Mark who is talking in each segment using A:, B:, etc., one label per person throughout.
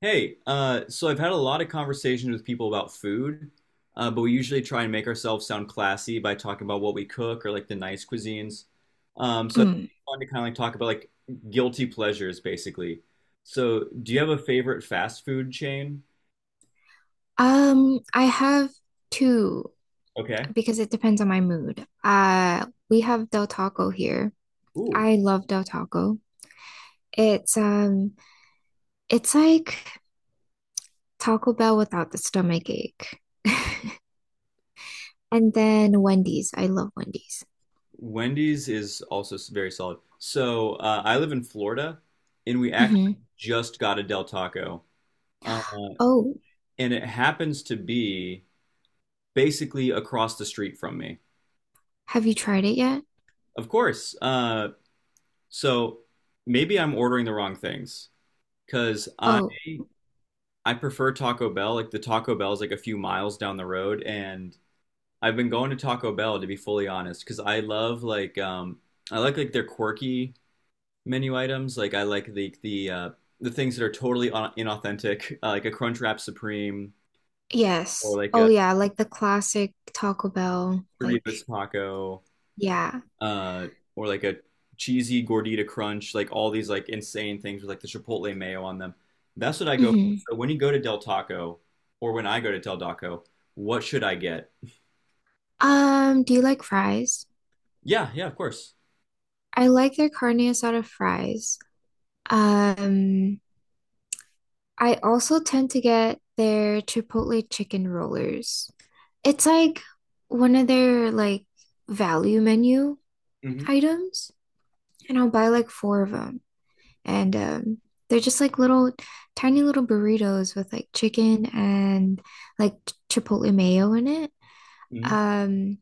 A: Hey, so I've had a lot of conversations with people about food, but we usually try and make ourselves sound classy by talking about what we cook or like the nice cuisines. So I think
B: Mm.
A: it's fun to kind of like talk about like guilty pleasures, basically. So, do you have a favorite fast food chain?
B: I have two
A: Okay.
B: because it depends on my mood. We have Del Taco here.
A: Ooh,
B: I love Del Taco. It's um, it's like Taco Bell without the stomach ache. And then Wendy's. I love Wendy's.
A: Wendy's is also very solid. So, I live in Florida, and we actually
B: Hmm.
A: just got a Del Taco, uh,
B: Oh,
A: and it happens to be basically across the street from me.
B: have you tried it yet?
A: Of course. So maybe I'm ordering the wrong things because I
B: Oh,
A: I prefer Taco Bell. Like the Taco Bell is like a few miles down the road, and I've been going to Taco Bell to be fully honest because I love like I like their quirky menu items. Like I like the things that are totally inauthentic, like a Crunchwrap Supreme or
B: yes.
A: like a
B: Oh, yeah, like the classic Taco Bell. Like,
A: Doritos taco.
B: yeah.
A: uh, or like a cheesy gordita crunch, like all these like insane things with like the chipotle mayo on them. That's what I go for.
B: Hmm.
A: So when you go to Del Taco, or when I go to Del Taco, what should I get?
B: Do you like fries?
A: Yeah, yeah, of course.
B: I like their carne asada fries. Um, I also tend to get their Chipotle chicken rollers. It's like one of their like value menu
A: Hmm.
B: items, and I'll buy like four of them. And They're just like little tiny little burritos with like chicken and Chipotle mayo in it.
A: Hmm.
B: Um,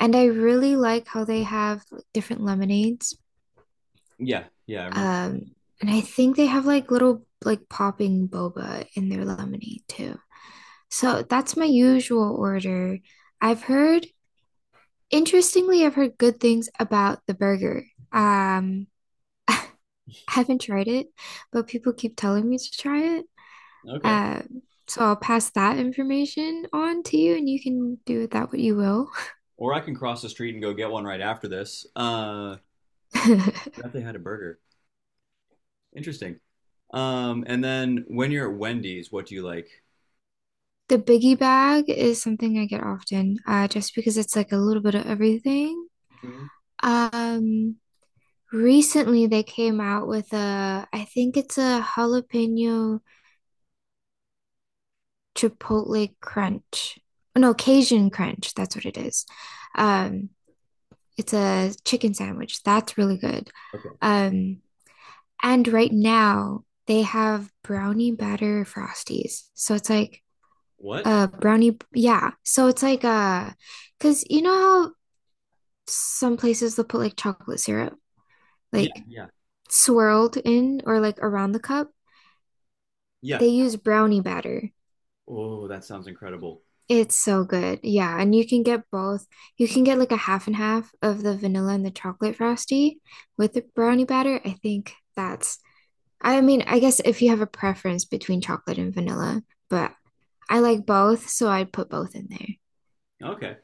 B: and I really like how they have like different lemonades.
A: Yeah, yeah, I remember.
B: Um, and I think they have like little like popping boba in their lemonade too. So that's my usual order. I've heard, interestingly, I've heard good things about the burger. Um, I haven't tried it, but people keep telling me to try it.
A: Okay.
B: Um, so I'll pass that information on to you, and you can do with that what you will.
A: Or I can cross the street and go get one right after this. I forgot they had a burger. Interesting. And then when you're at Wendy's, what do you like?
B: The biggie bag is something I get often, just because it's like a little bit of everything.
A: Mhm.
B: Um, Recently they came out with a, I think it's a jalapeno Chipotle Crunch. No, Cajun Crunch. That's what it is. Um, it's a chicken sandwich. That's really good.
A: Okay.
B: Um, and right now they have brownie batter frosties. So it's like
A: What?
B: a brownie, yeah. So it's like a, because you know how some places they'll put like chocolate syrup
A: Yeah,
B: like
A: yeah,
B: swirled in or like around the cup?
A: yeah.
B: They use brownie batter.
A: Oh, that sounds incredible.
B: It's so good. Yeah, and you can get both. You can get like a half and half of the vanilla and the chocolate frosty with the brownie batter. I think that's, I mean, I guess if you have a preference between chocolate and vanilla, but I like both, so I'd put both in there.
A: Okay.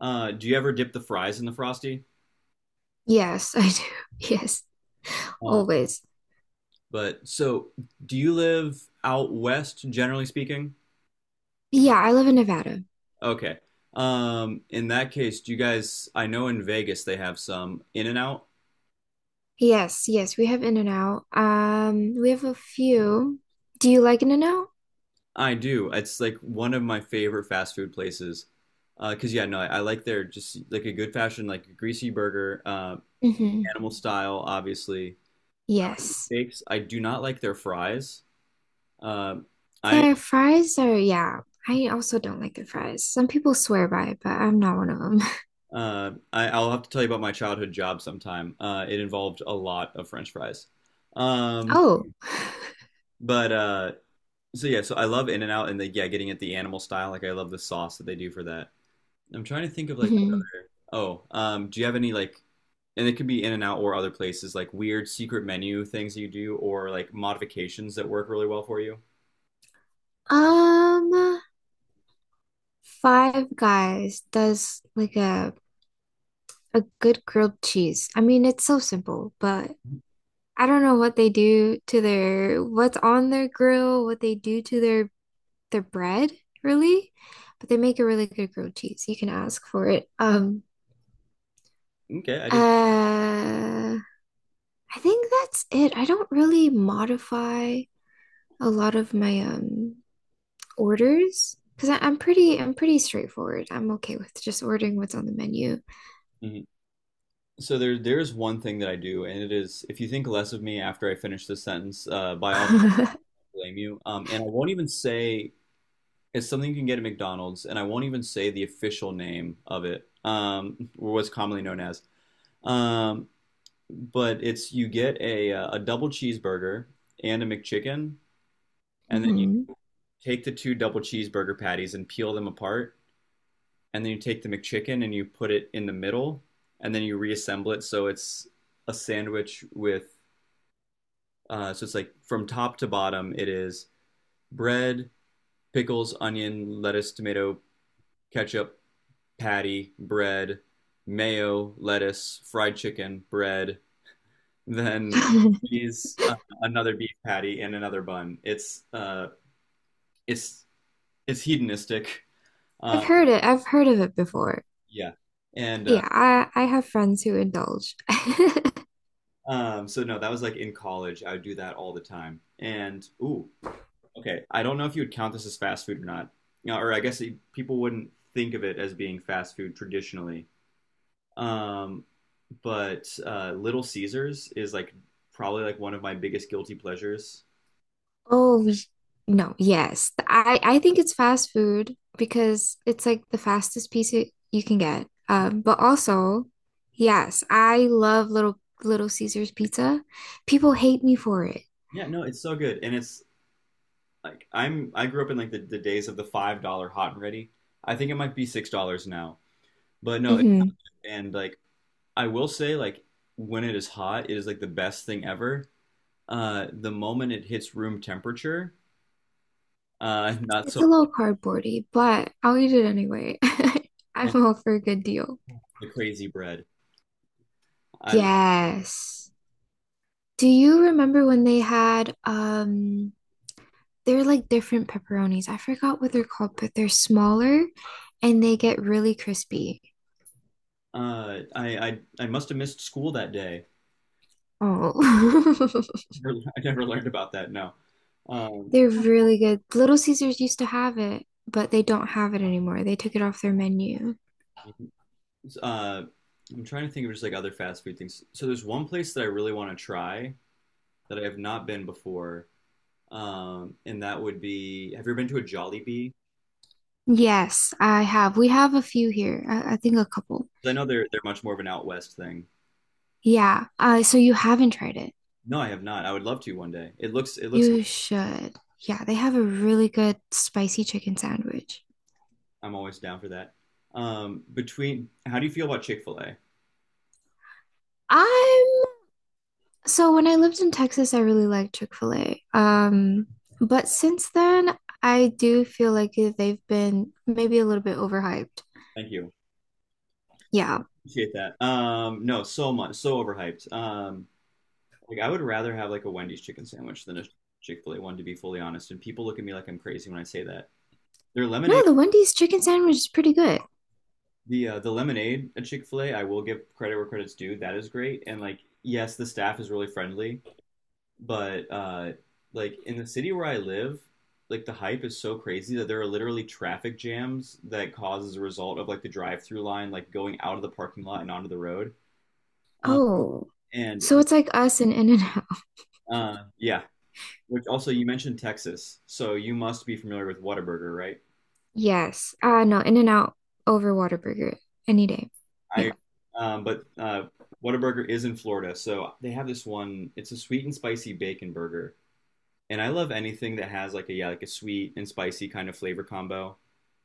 A: Do you ever dip the fries in the frosty?
B: Yes, I do. Yes,
A: Uh,
B: always.
A: but so, do you live out west, generally speaking?
B: Yeah, I live in Nevada.
A: Okay. In that case, do you guys? I know in Vegas they have some In-N-Out.
B: Yes, yes, we have In-N-Out. We have a few. Do you like In-N-Out?
A: I do. It's like one of my favorite fast food places. 'Cause yeah, no, I like their just like a good fashion, like a greasy burger,
B: Mm-hmm.
A: animal style, obviously.
B: Yes.
A: Bakes. I do not like their fries. Um, I
B: Their fries are, yeah, I also don't like their fries. Some people swear by it, but I'm not one of them.
A: I'll have to tell you about my childhood job sometime. It involved a lot of French fries. Um,
B: Oh,
A: but so yeah, so I love in and out and the, yeah, getting at the animal style. Like I love the sauce that they do for that. I'm trying to think of like what
B: hmm,
A: other. Oh, do you have any like? And it could be in and out or other places like weird secret menu things you do or like modifications that work really well for you.
B: um, Five Guys does like a good grilled cheese. I mean, it's so simple, but I don't know what they do to their, what's on their grill, what they do to their bread, really. But they make a really good grilled cheese. You can ask for it.
A: Okay, I did.
B: Uh, I think that's it. I don't really modify a lot of my orders because I'm pretty straightforward. I'm okay with just ordering what's on the menu.
A: Mhm. So there's one thing that I do, and it is if you think less of me after I finish this sentence, by all blame you. And I won't even say it's something you can get at McDonald's, and I won't even say the official name of it, or what's commonly known as. Um, but it's you get a double cheeseburger and a McChicken, and then you
B: Mhm.
A: take the two double cheeseburger patties and peel them apart, and then you take the McChicken and you put it in the middle, and then you reassemble it so it's a sandwich with so it's like from top to bottom it is bread, pickles, onion, lettuce, tomato, ketchup, patty, bread, mayo, lettuce, fried chicken, bread, then cheese, another beef patty, and another bun. It's it's hedonistic. Uh,
B: I've heard it. I've heard of it before.
A: yeah, and
B: Yeah, I have friends who indulge.
A: so no, that was like in college. I would do that all the time. And ooh, okay, I don't know if you would count this as fast food or not. You know, or I guess people wouldn't think of it as being fast food traditionally. Um, but Little Caesars is like probably like one of my biggest guilty pleasures.
B: Oh, no, yes. I think it's fast food because it's like the fastest piece it, you can get. But also, yes, I love little Little Caesar's pizza. People hate me for it.
A: Yeah, no, it's so good, and it's like I grew up in like the days of the $5 hot and ready. I think it might be $6 now, but no,
B: Hmm.
A: and like I will say like when it is hot, it is like the best thing ever. The moment it hits room temperature, not
B: It's
A: so
B: a little cardboardy, but I'll eat it anyway. I'm
A: and
B: all for a good deal.
A: the crazy bread. I
B: Yes. Do you remember when they had they're like different pepperonis? I forgot what they're called, but they're smaller and they get really crispy.
A: I must have missed school that day.
B: Oh,
A: I never learned about that. No. Um,
B: they're really good. Little Caesars used to have it, but they don't have it anymore. They took it off their menu.
A: Uh, I'm trying to think of just like other fast food things. So there's one place that I really want to try that I have not been before, and that would be. Have you ever been to a Jollibee?
B: Yes, I have. We have a few here. I think a couple.
A: 'Cause I know they're much more of an out west thing.
B: Yeah. So you haven't tried it.
A: No, I have not. I would love to one day. It looks.
B: You should. Yeah, they have a really good spicy chicken sandwich.
A: I'm always down for that. Between, how do you feel about Chick-fil-A?
B: I'm, so when I lived in Texas, I really liked Chick-fil-A. But since then, I do feel like they've been maybe a little bit overhyped.
A: Thank you.
B: Yeah.
A: Appreciate that. No, so much, so overhyped. Like I would rather have like a Wendy's chicken sandwich than a Chick-fil-A one, to be fully honest. And people look at me like I'm crazy when I say that. Their lemonade
B: No, the Wendy's chicken sandwich is pretty good.
A: the lemonade at Chick-fil-A, I will give credit where credit's due. That is great. And like, yes, the staff is really friendly, but like in the city where I live, like the hype is so crazy that there are literally traffic jams that cause as a result of like the drive-through line like going out of the parking lot and onto the road. Uh,
B: Oh, so
A: and
B: it's like us and in and out.
A: uh yeah, which also you mentioned Texas, so you must be familiar with Whataburger, right?
B: Yes. Uh, no, in and out over Whataburger any day.
A: I
B: Yeah.
A: But Whataburger is in Florida, so they have this one, it's a sweet and spicy bacon burger and I love anything that has like a yeah like a sweet and spicy kind of flavor combo.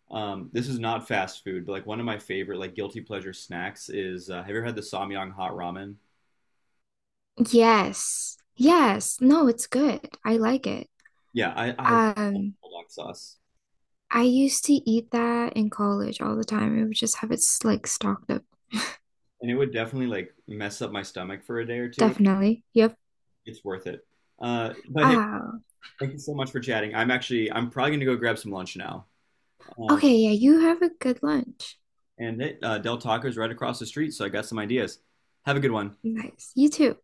A: This is not fast food, but like one of my favorite like guilty pleasure snacks is have you ever had the Samyang hot ramen?
B: Yes. Yes. No, it's good. I like it.
A: Yeah, I love
B: Um,
A: bulldog sauce,
B: I used to eat that in college all the time. I would just like stocked up.
A: and it would definitely like mess up my stomach for a day or two.
B: Definitely. Yep.
A: It's worth it. But hey,
B: Ah,
A: thank you so much for chatting. I'm actually, I'm probably gonna go grab some lunch now. Um,
B: okay. Yeah, you have a good lunch.
A: and it, Del Taco's right across the street, so I got some ideas. Have a good one.
B: Nice. You too.